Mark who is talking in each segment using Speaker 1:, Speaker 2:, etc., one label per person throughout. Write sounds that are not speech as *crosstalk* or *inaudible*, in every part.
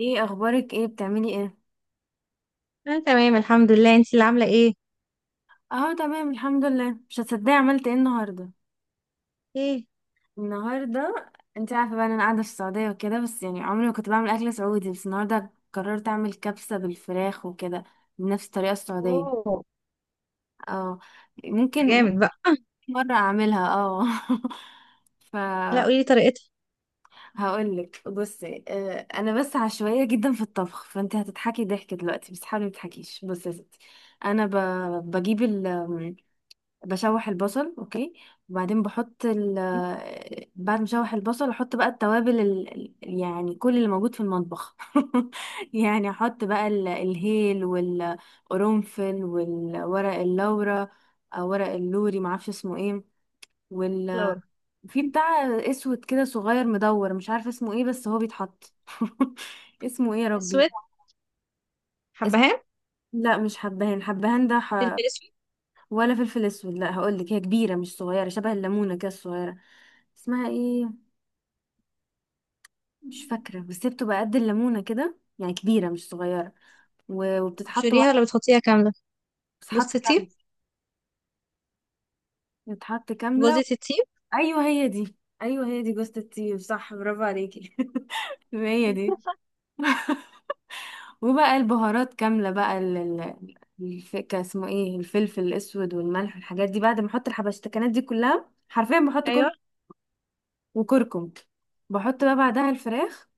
Speaker 1: ايه اخبارك، ايه بتعملي، ايه؟
Speaker 2: انا تمام، الحمد لله. انت اللي عامله ايه؟
Speaker 1: اه، تمام الحمد لله. مش هتصدقي عملت ايه النهارده.
Speaker 2: ايه.
Speaker 1: النهارده، انت عارفه بقى إن انا قاعده في السعوديه وكده، بس يعني عمري ما كنت بعمل اكل سعودي، بس النهارده قررت اعمل كبسه بالفراخ وكده، بنفس الطريقه السعوديه.
Speaker 2: اوه.
Speaker 1: اه.
Speaker 2: ده
Speaker 1: ممكن
Speaker 2: جامد بقى. *laughs*
Speaker 1: مره اعملها، اه. *laughs*
Speaker 2: لا،
Speaker 1: فهقول
Speaker 2: قولي لي طريقتها.
Speaker 1: لك بصي، انا بس عشوائيه جدا في الطبخ، فانت هتضحكي ضحك دلوقتي بس حاولي ما تضحكيش. بصي يا ستي، انا ب... بجيب، بشوح البصل اوكي، وبعدين بحط ال
Speaker 2: إيه؟
Speaker 1: آه، بعد ما اشوح البصل احط بقى التوابل يعني كل اللي موجود في المطبخ. *laughs* يعني احط بقى الهيل والقرنفل والورق اللورا، او ورق اللوري معرفش اسمه ايه، وال
Speaker 2: لورا.
Speaker 1: في بتاع اسود كده صغير مدور مش عارفه اسمه ايه بس هو بيتحط. *laughs* اسمه ايه يا ربي؟
Speaker 2: اسود.
Speaker 1: اس...
Speaker 2: حبهان.
Speaker 1: لا مش حبهان، حبهان ده
Speaker 2: فلفل اسود.
Speaker 1: ولا فلفل اسود، لا هقول لك هي كبيره مش صغيره، شبه الليمونه كده الصغيره، اسمها ايه، مش فاكره، بس هي بتبقى قد الليمونه كده يعني كبيره مش صغيره. و- وبتتحط
Speaker 2: ابشريها
Speaker 1: واحده.
Speaker 2: ولا بتحطيها كامله؟
Speaker 1: بتتحط
Speaker 2: جوز
Speaker 1: كامله.
Speaker 2: الطيب.
Speaker 1: بتتحط كامله.
Speaker 2: جوزة الطيب.
Speaker 1: ايوه هي دي. ايوه هي دي، جوزة الطيب، صح، برافو عليكي. *laughs* هي دي. *laughs* وبقى البهارات كامله، بقى كان اسمه ايه، الفلفل الاسود والملح والحاجات دي، بعد ما احط الحبشتكنات دي كلها حرفيا بحط
Speaker 2: ايوه.
Speaker 1: كل، وكركم. بحط بقى بعدها الفراخ،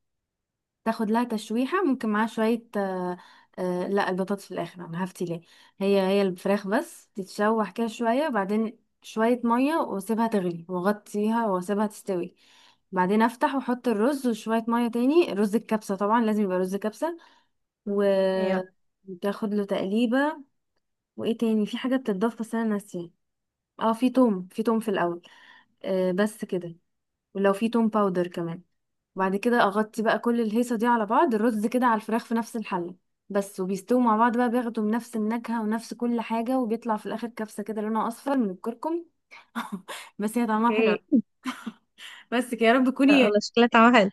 Speaker 1: تاخد لها تشويحة، ممكن معاها شوية، لا البطاطس في الآخر، أنا هفتي ليه. هي الفراخ بس تتشوح كده شوية، بعدين شوية مية واسيبها تغلي واغطيها واسيبها تستوي، بعدين افتح واحط الرز وشوية مية تاني، رز الكبسة طبعا لازم يبقى رز كبسة، و
Speaker 2: ايوه.
Speaker 1: وتاخد له تقليبة. وايه تاني في حاجة بتتضاف بس انا ناسية. اه، في توم في الاول. آه، بس كده. ولو في توم باودر كمان. بعد كده اغطي بقى كل الهيصه دي على بعض، الرز كده على الفراخ في نفس الحله بس، وبيستووا مع بعض بقى، بياخدوا من نفس النكهه ونفس كل حاجه، وبيطلع في الاخر كبسه كده لونها اصفر من الكركم. *laughs* بس هي طعمها حلو
Speaker 2: ايه.
Speaker 1: أوي. بس كده، يا رب
Speaker 2: لا
Speaker 1: تكوني
Speaker 2: والله، شكلها طعمها حلو.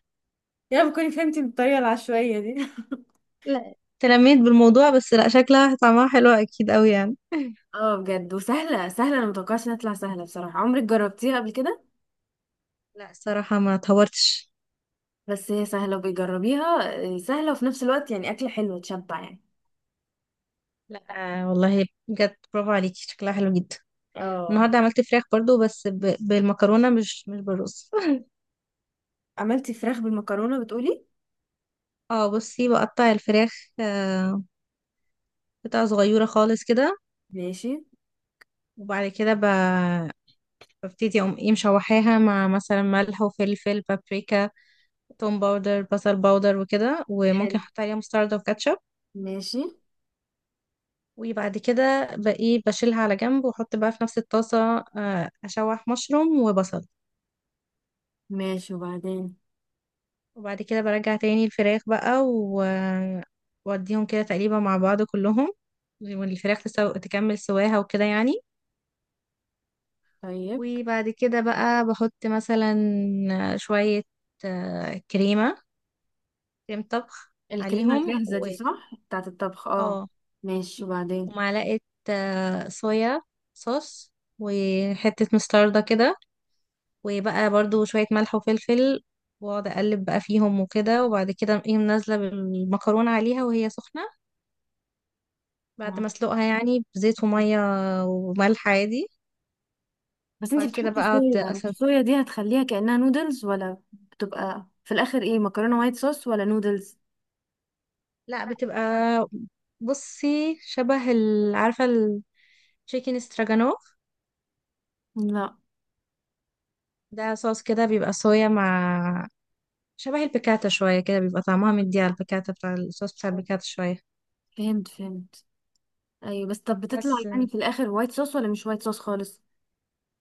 Speaker 1: يا رب تكوني فهمتي بالطريقه العشوائيه دي. *laughs*
Speaker 2: لا، تلميت بالموضوع، بس لا، شكلها طعمها حلو اكيد قوي يعني. *laughs*
Speaker 1: اه، بجد. وسهله، سهله، انا متوقعش انها تطلع سهله بصراحه. عمرك جربتيها قبل كده؟
Speaker 2: لا، الصراحه ما اتهورتش.
Speaker 1: بس هي سهله، وبيجربيها، سهله، وفي نفس الوقت يعني اكله حلوه، تشبع يعني.
Speaker 2: لا، آه والله بجد برافو عليكي، شكلها حلو جدا.
Speaker 1: اه.
Speaker 2: النهارده عملت فراخ برضو، بس بالمكرونه، مش بالرز.
Speaker 1: عملتي فراخ بالمكرونه بتقولي؟
Speaker 2: اه بصي، بقطع الفراخ آه، قطع صغيرة خالص كده،
Speaker 1: ماشي.
Speaker 2: وبعد كده ببتدي اقوم ايه مشوحاها مع مثلا ملح وفلفل بابريكا، توم باودر، بصل باودر وكده، وممكن
Speaker 1: حلو.
Speaker 2: احط عليها مستردة وكاتشب.
Speaker 1: ماشي.
Speaker 2: وبعد كده بقى بشيلها على جنب واحط بقى في نفس الطاسة، اشوح مشروم وبصل.
Speaker 1: ماشي وبعدين.
Speaker 2: وبعد كده برجع تاني الفراخ بقى و واديهم كده تقريبا مع بعض كلهم، والفراخ تكمل سواها وكده يعني.
Speaker 1: طيب.
Speaker 2: وبعد كده بقى بحط مثلا شوية كريمة، كريم طبخ
Speaker 1: الكريمة
Speaker 2: عليهم
Speaker 1: الجاهزة
Speaker 2: و
Speaker 1: دي صح، بتاعة الطبخ، اه.
Speaker 2: اه
Speaker 1: ماشي وبعدين.
Speaker 2: ومعلقة صويا صوص، وحتة مستردة كده، وبقى برضو شوية ملح وفلفل، واقعد اقلب بقى فيهم وكده. وبعد كده اقوم نازلة بالمكرونة عليها وهي سخنة، بعد ما
Speaker 1: مم.
Speaker 2: اسلقها يعني بزيت ومية وملح عادي.
Speaker 1: بس انتي
Speaker 2: بعد كده
Speaker 1: بتحطي
Speaker 2: بقى اقعد.
Speaker 1: صويا، الصويا دي هتخليها كأنها نودلز، ولا بتبقى في الآخر ايه، مكرونة وايت صوص ولا نودلز؟
Speaker 2: لا، بتبقى. بصي، شبه عارفة التشيكن استراجانوف؟
Speaker 1: لا.
Speaker 2: ده صوص كده، بيبقى صويا مع شبه البيكاتا شوية كده، بيبقى طعمها مدي على البيكاتا، بتاع الصوص بتاع البيكاتا شوية.
Speaker 1: فهمت فهمت. ايوه، بس طب بتطلع
Speaker 2: بس
Speaker 1: يعني في الآخر وايت صوص ولا مش وايت صوص خالص؟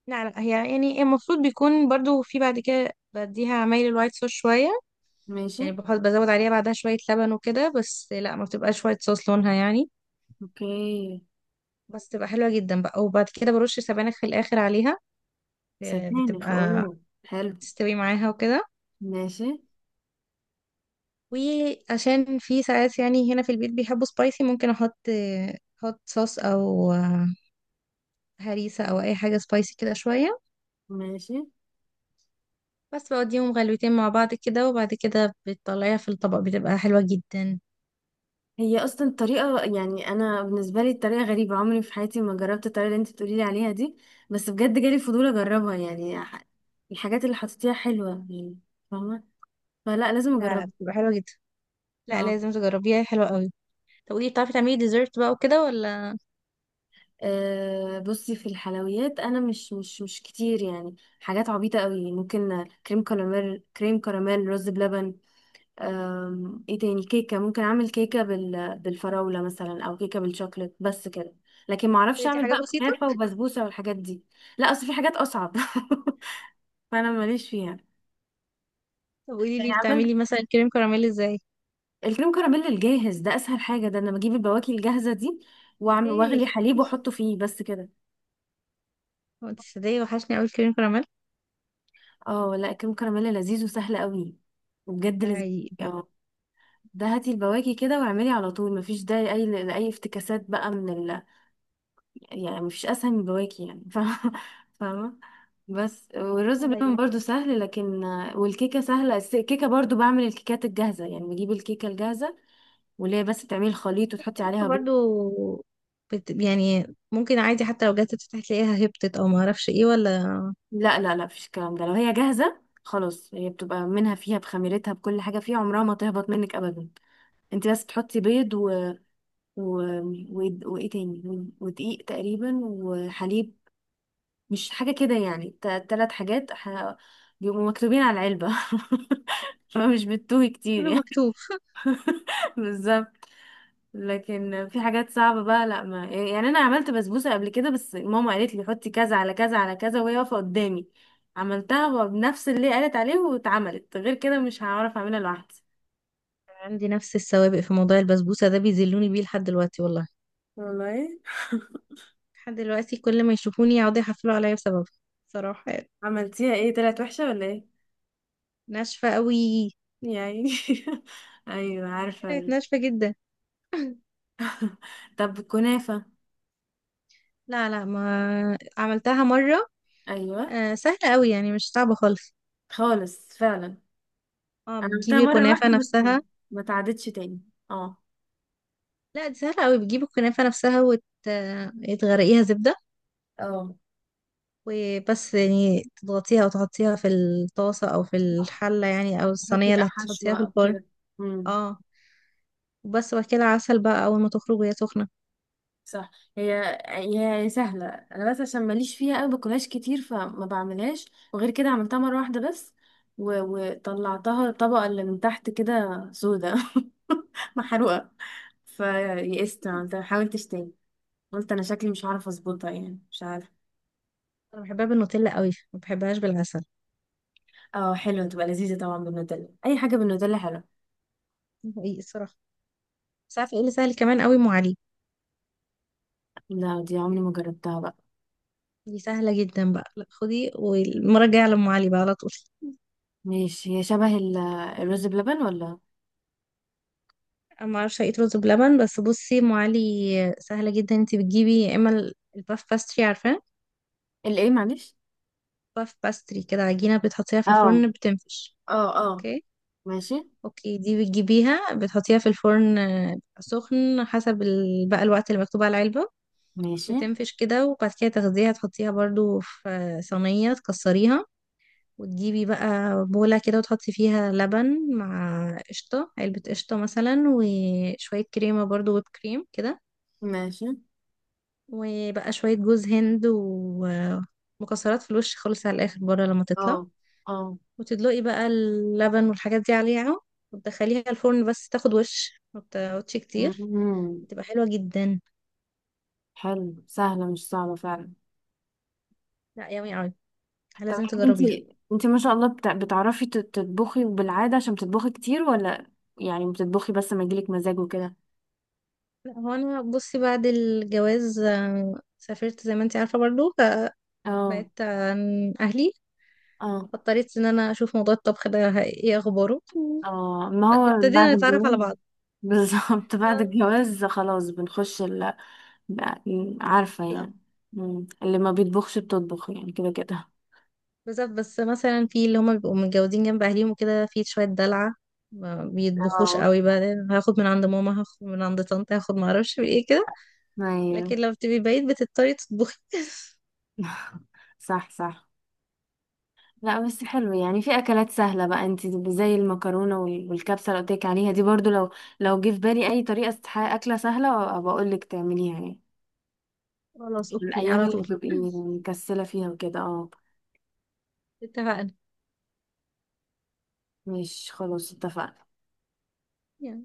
Speaker 2: لا لا، هي يعني المفروض بيكون برضو في، بعد كده بديها عمايل الوايت صوص شوية.
Speaker 1: ماشي.
Speaker 2: يعني بحط، بزود عليها بعدها شوية لبن وكده، بس لا، ما بتبقاش وايت صوص لونها يعني.
Speaker 1: اوكي.
Speaker 2: بس تبقى حلوة جدا بقى، وبعد كده برش سبانخ في الآخر عليها،
Speaker 1: سبانخ، اوه،
Speaker 2: بتبقى
Speaker 1: حلو.
Speaker 2: تستوي معاها وكده.
Speaker 1: ماشي.
Speaker 2: وعشان في ساعات يعني هنا في البيت بيحبوا سبايسي، ممكن احط هوت صوص، او هريسة، او اي حاجة سبايسي كده شوية،
Speaker 1: ماشي.
Speaker 2: بس بوديهم غلوتين مع بعض كده. وبعد كده بتطلعيها في الطبق، بتبقى حلوة جدا.
Speaker 1: هي اصلا طريقه، يعني انا بالنسبه لي الطريقه غريبه، عمري في حياتي ما جربت الطريقه اللي انت بتقولي لي عليها دي، بس بجد جالي فضول اجربها يعني، الحاجات اللي حطيتيها حلوه يعني، فاهمه، فلا لازم
Speaker 2: لا لا،
Speaker 1: اجربها.
Speaker 2: بتبقى حلوة جدا. لا،
Speaker 1: اه.
Speaker 2: لازم تجربيها، حلوة قوي. طب قولي، بتعرفي تعملي ديزرت بقى وكده ولا؟
Speaker 1: بصي، في الحلويات انا مش كتير يعني، حاجات عبيطه قوي، ممكن كريم كراميل، كريم كراميل، رز بلبن، ايه تاني، كيكة، ممكن اعمل كيكة بالفراولة مثلا، او كيكة بالشوكليت، بس كده. لكن ما اعرفش
Speaker 2: دي
Speaker 1: اعمل
Speaker 2: حاجات
Speaker 1: بقى
Speaker 2: بسيطة.
Speaker 1: كنافة وبسبوسة والحاجات دي. لا، اصل في حاجات اصعب، *laughs* فانا ماليش فيها.
Speaker 2: طب قولي
Speaker 1: يعني
Speaker 2: لي
Speaker 1: عملت،
Speaker 2: بتعملي مثلا كريم كراميل ازاي؟
Speaker 1: الكريم كراميل الجاهز ده اسهل حاجة، ده انا بجيب البواكي الجاهزة دي واعمل،
Speaker 2: ايه،
Speaker 1: واغلي حليب واحطه فيه، بس كده.
Speaker 2: هو انت صدقي وحشني قوي الكريم كراميل.
Speaker 1: اه، لا، الكريم كراميل لذيذ وسهل قوي، وبجد
Speaker 2: ده
Speaker 1: لذيذ.
Speaker 2: حقيقي.
Speaker 1: اه، ده هاتي البواكي كده واعملي على طول، مفيش ده اي افتكاسات بقى من يعني مفيش اسهل من بواكي يعني. *laughs* فاهمة فاهمة. بس، والرز بلبن
Speaker 2: بقى
Speaker 1: برضو سهل، لكن، والكيكة سهلة الكيكة برضو بعمل الكيكات الجاهزة، يعني بجيب الكيكة الجاهزة واللي هي بس تعملي الخليط وتحطي عليها بيض.
Speaker 2: برضو يعني، ممكن عادي حتى لو جت تفتح تلاقيها هبطت او ما اعرفش ايه ولا؟
Speaker 1: لا لا لا، مفيش الكلام ده، لو هي جاهزة خلاص هي بتبقى منها فيها بخميرتها بكل حاجة فيها، عمرها ما تهبط منك أبدا. انت بس تحطي بيض و... وإيه تاني، و- ودقيق تقريبا وحليب، مش حاجة كده يعني، تلات حاجات، بيبقوا مكتوبين على العلبة. *laughs* فمش بتتوه كتير
Speaker 2: كله
Speaker 1: يعني.
Speaker 2: مكتوب.
Speaker 1: *laughs* بالظبط. لكن في حاجات صعبة بقى، لا ما يعني أنا عملت بسبوسة قبل كده، بس ماما قالت لي حطي كذا على كذا على كذا وهي واقفة قدامي، عملتها بنفس اللي قالت عليه، واتعملت غير كده. مش هعرف أعملها لوحدي
Speaker 2: عندي نفس السوابق في موضوع البسبوسه ده، بيذلوني بيه لحد دلوقتي والله.
Speaker 1: والله.
Speaker 2: لحد دلوقتي كل ما يشوفوني يقعدوا يحفلوا عليا بسببها، صراحه يعني.
Speaker 1: عملتيها ايه، طلعت وحشة ولا ايه؟
Speaker 2: ناشفه قوي.
Speaker 1: يعني. *laughs* ايوه عارفة
Speaker 2: طلعت ناشفه جدا.
Speaker 1: طب كنافة.
Speaker 2: لا لا، ما عملتها مره.
Speaker 1: ايوه.
Speaker 2: آه، سهله قوي يعني، مش صعبه خالص.
Speaker 1: خالص فعلا.
Speaker 2: اه،
Speaker 1: انا عملتها
Speaker 2: بتجيبي
Speaker 1: مره
Speaker 2: الكنافه
Speaker 1: واحده بس، ما
Speaker 2: نفسها.
Speaker 1: ما اتعادتش تاني. اه.
Speaker 2: لا، دي سهله قوي، بتجيبي الكنافه نفسها وتغرقيها زبده،
Speaker 1: اه.
Speaker 2: وبس يعني تضغطيها وتحطيها في الطاسة أو في
Speaker 1: صح.
Speaker 2: الحلة يعني أو
Speaker 1: احط
Speaker 2: الصينية
Speaker 1: بقى
Speaker 2: اللي هتحطيها
Speaker 1: حشوه
Speaker 2: في
Speaker 1: او
Speaker 2: الفرن.
Speaker 1: كده. امم.
Speaker 2: اه. وبس، وبعد كده عسل بقى أول ما تخرج وهي سخنة.
Speaker 1: صح. هي سهله انا بس عشان ماليش فيها قوي، باكلهاش كتير فما بعملهاش، وغير كده عملتها مره واحده بس، و... وطلعتها الطبقه اللي من تحت كده سودا، *laughs* محروقه، فيئست عملتها حاولتش تاني، قلت انا شكلي مش هعرف اظبطها يعني، مش عارفه.
Speaker 2: أنا بحبها بالنوتيلا قوي، ما بحبهاش بالعسل.
Speaker 1: اه، حلوه، تبقى لذيذه طبعا بالنوتيلا، اي حاجه بالنوتيلا حلوه.
Speaker 2: ده حقيقي الصراحة. بس عارفة ايه اللي سهل كمان قوي؟ أم علي.
Speaker 1: لا، دي عمري ما جربتها بقى.
Speaker 2: دي سهلة جدا بقى، لا خدي، والمرة الجاية على أم علي بقى على طول.
Speaker 1: ماشي، هي شبه الرز بلبن ولا؟
Speaker 2: أنا معرفش أقيت رز بلبن، بس بصي، أم علي سهلة جدا، انتي بتجيبي يا إما الباف باستري، عارفاه؟
Speaker 1: الايه، معلش.
Speaker 2: باف باستري كده، عجينة بتحطيها في
Speaker 1: اه
Speaker 2: الفرن بتنفش.
Speaker 1: اه اه.
Speaker 2: اوكي.
Speaker 1: ماشي.
Speaker 2: اوكي، دي بتجيبيها بتحطيها في الفرن سخن حسب بقى الوقت اللي مكتوب على العلبة.
Speaker 1: ماشي.
Speaker 2: بتنفش كده، وبعد كده تاخديها تحطيها برضو في صينية، تكسريها وتجيبي بقى بولة كده، وتحطي فيها لبن مع قشطة، علبة قشطة مثلا، وشوية كريمة برضو، ويب كريم كده،
Speaker 1: ماشي.
Speaker 2: وبقى شوية جوز هند ومكسرات في الوش خالص، على الآخر بره لما
Speaker 1: اه
Speaker 2: تطلع،
Speaker 1: اه.
Speaker 2: وتدلقي بقى اللبن والحاجات دي عليها، وتدخليها الفرن بس تاخد وش، ما بتقعدش كتير،
Speaker 1: مم.
Speaker 2: بتبقى حلوة جدا.
Speaker 1: حلو، سهلة مش صعبة فعلا.
Speaker 2: لا، يummy اوي،
Speaker 1: طب
Speaker 2: لازم
Speaker 1: يعني
Speaker 2: تجربيها.
Speaker 1: انتي ما شاء الله بتعرفي تطبخي بالعادة عشان بتطبخي كتير، ولا يعني بتطبخي بس ما يجيلك مزاج وكده؟
Speaker 2: لا، هو انا بصي، بعد الجواز سافرت زي ما انت عارفة برضو،
Speaker 1: اه.
Speaker 2: فبعدت عن اهلي،
Speaker 1: اه.
Speaker 2: فاضطريت ان انا اشوف موضوع الطبخ ده ايه اخباره،
Speaker 1: اه، ما هو بعد
Speaker 2: فابتدينا نتعرف على
Speaker 1: الجواز.
Speaker 2: بعض.
Speaker 1: *laughs* بالظبط بعد
Speaker 2: آه،
Speaker 1: الجواز خلاص بنخش عارفة
Speaker 2: لا،
Speaker 1: يعني. مم. اللي ما بيطبخش بتطبخ يعني كده كده.
Speaker 2: بالظبط. بس مثلا في اللي هما بيبقوا متجوزين جنب اهليهم وكده، في شويه دلع، ما بيطبخوش
Speaker 1: اه.
Speaker 2: قوي، بقى هاخد من عند ماما، هاخد من عند طنط، هاخد ما اعرفش من ايه كده.
Speaker 1: ايوه.
Speaker 2: لكن لما بتبقي بعيد بتضطري تطبخي.
Speaker 1: *laughs* صح صح. لا بس حلو يعني، في اكلات سهله بقى انت زي المكرونه وال- والكبسه اللي قلت لك عليها دي برضو، لو جه في بالي اي طريقه اكله سهله بقول لك تعمليها يعني،
Speaker 2: *laughs* خلاص
Speaker 1: في
Speaker 2: اوكي،
Speaker 1: الايام
Speaker 2: على
Speaker 1: اللي
Speaker 2: طول.
Speaker 1: بتبقي
Speaker 2: *clears throat*
Speaker 1: مكسله فيها وكده، اه.
Speaker 2: اتفقنا.
Speaker 1: مش خلاص اتفقنا
Speaker 2: يلا.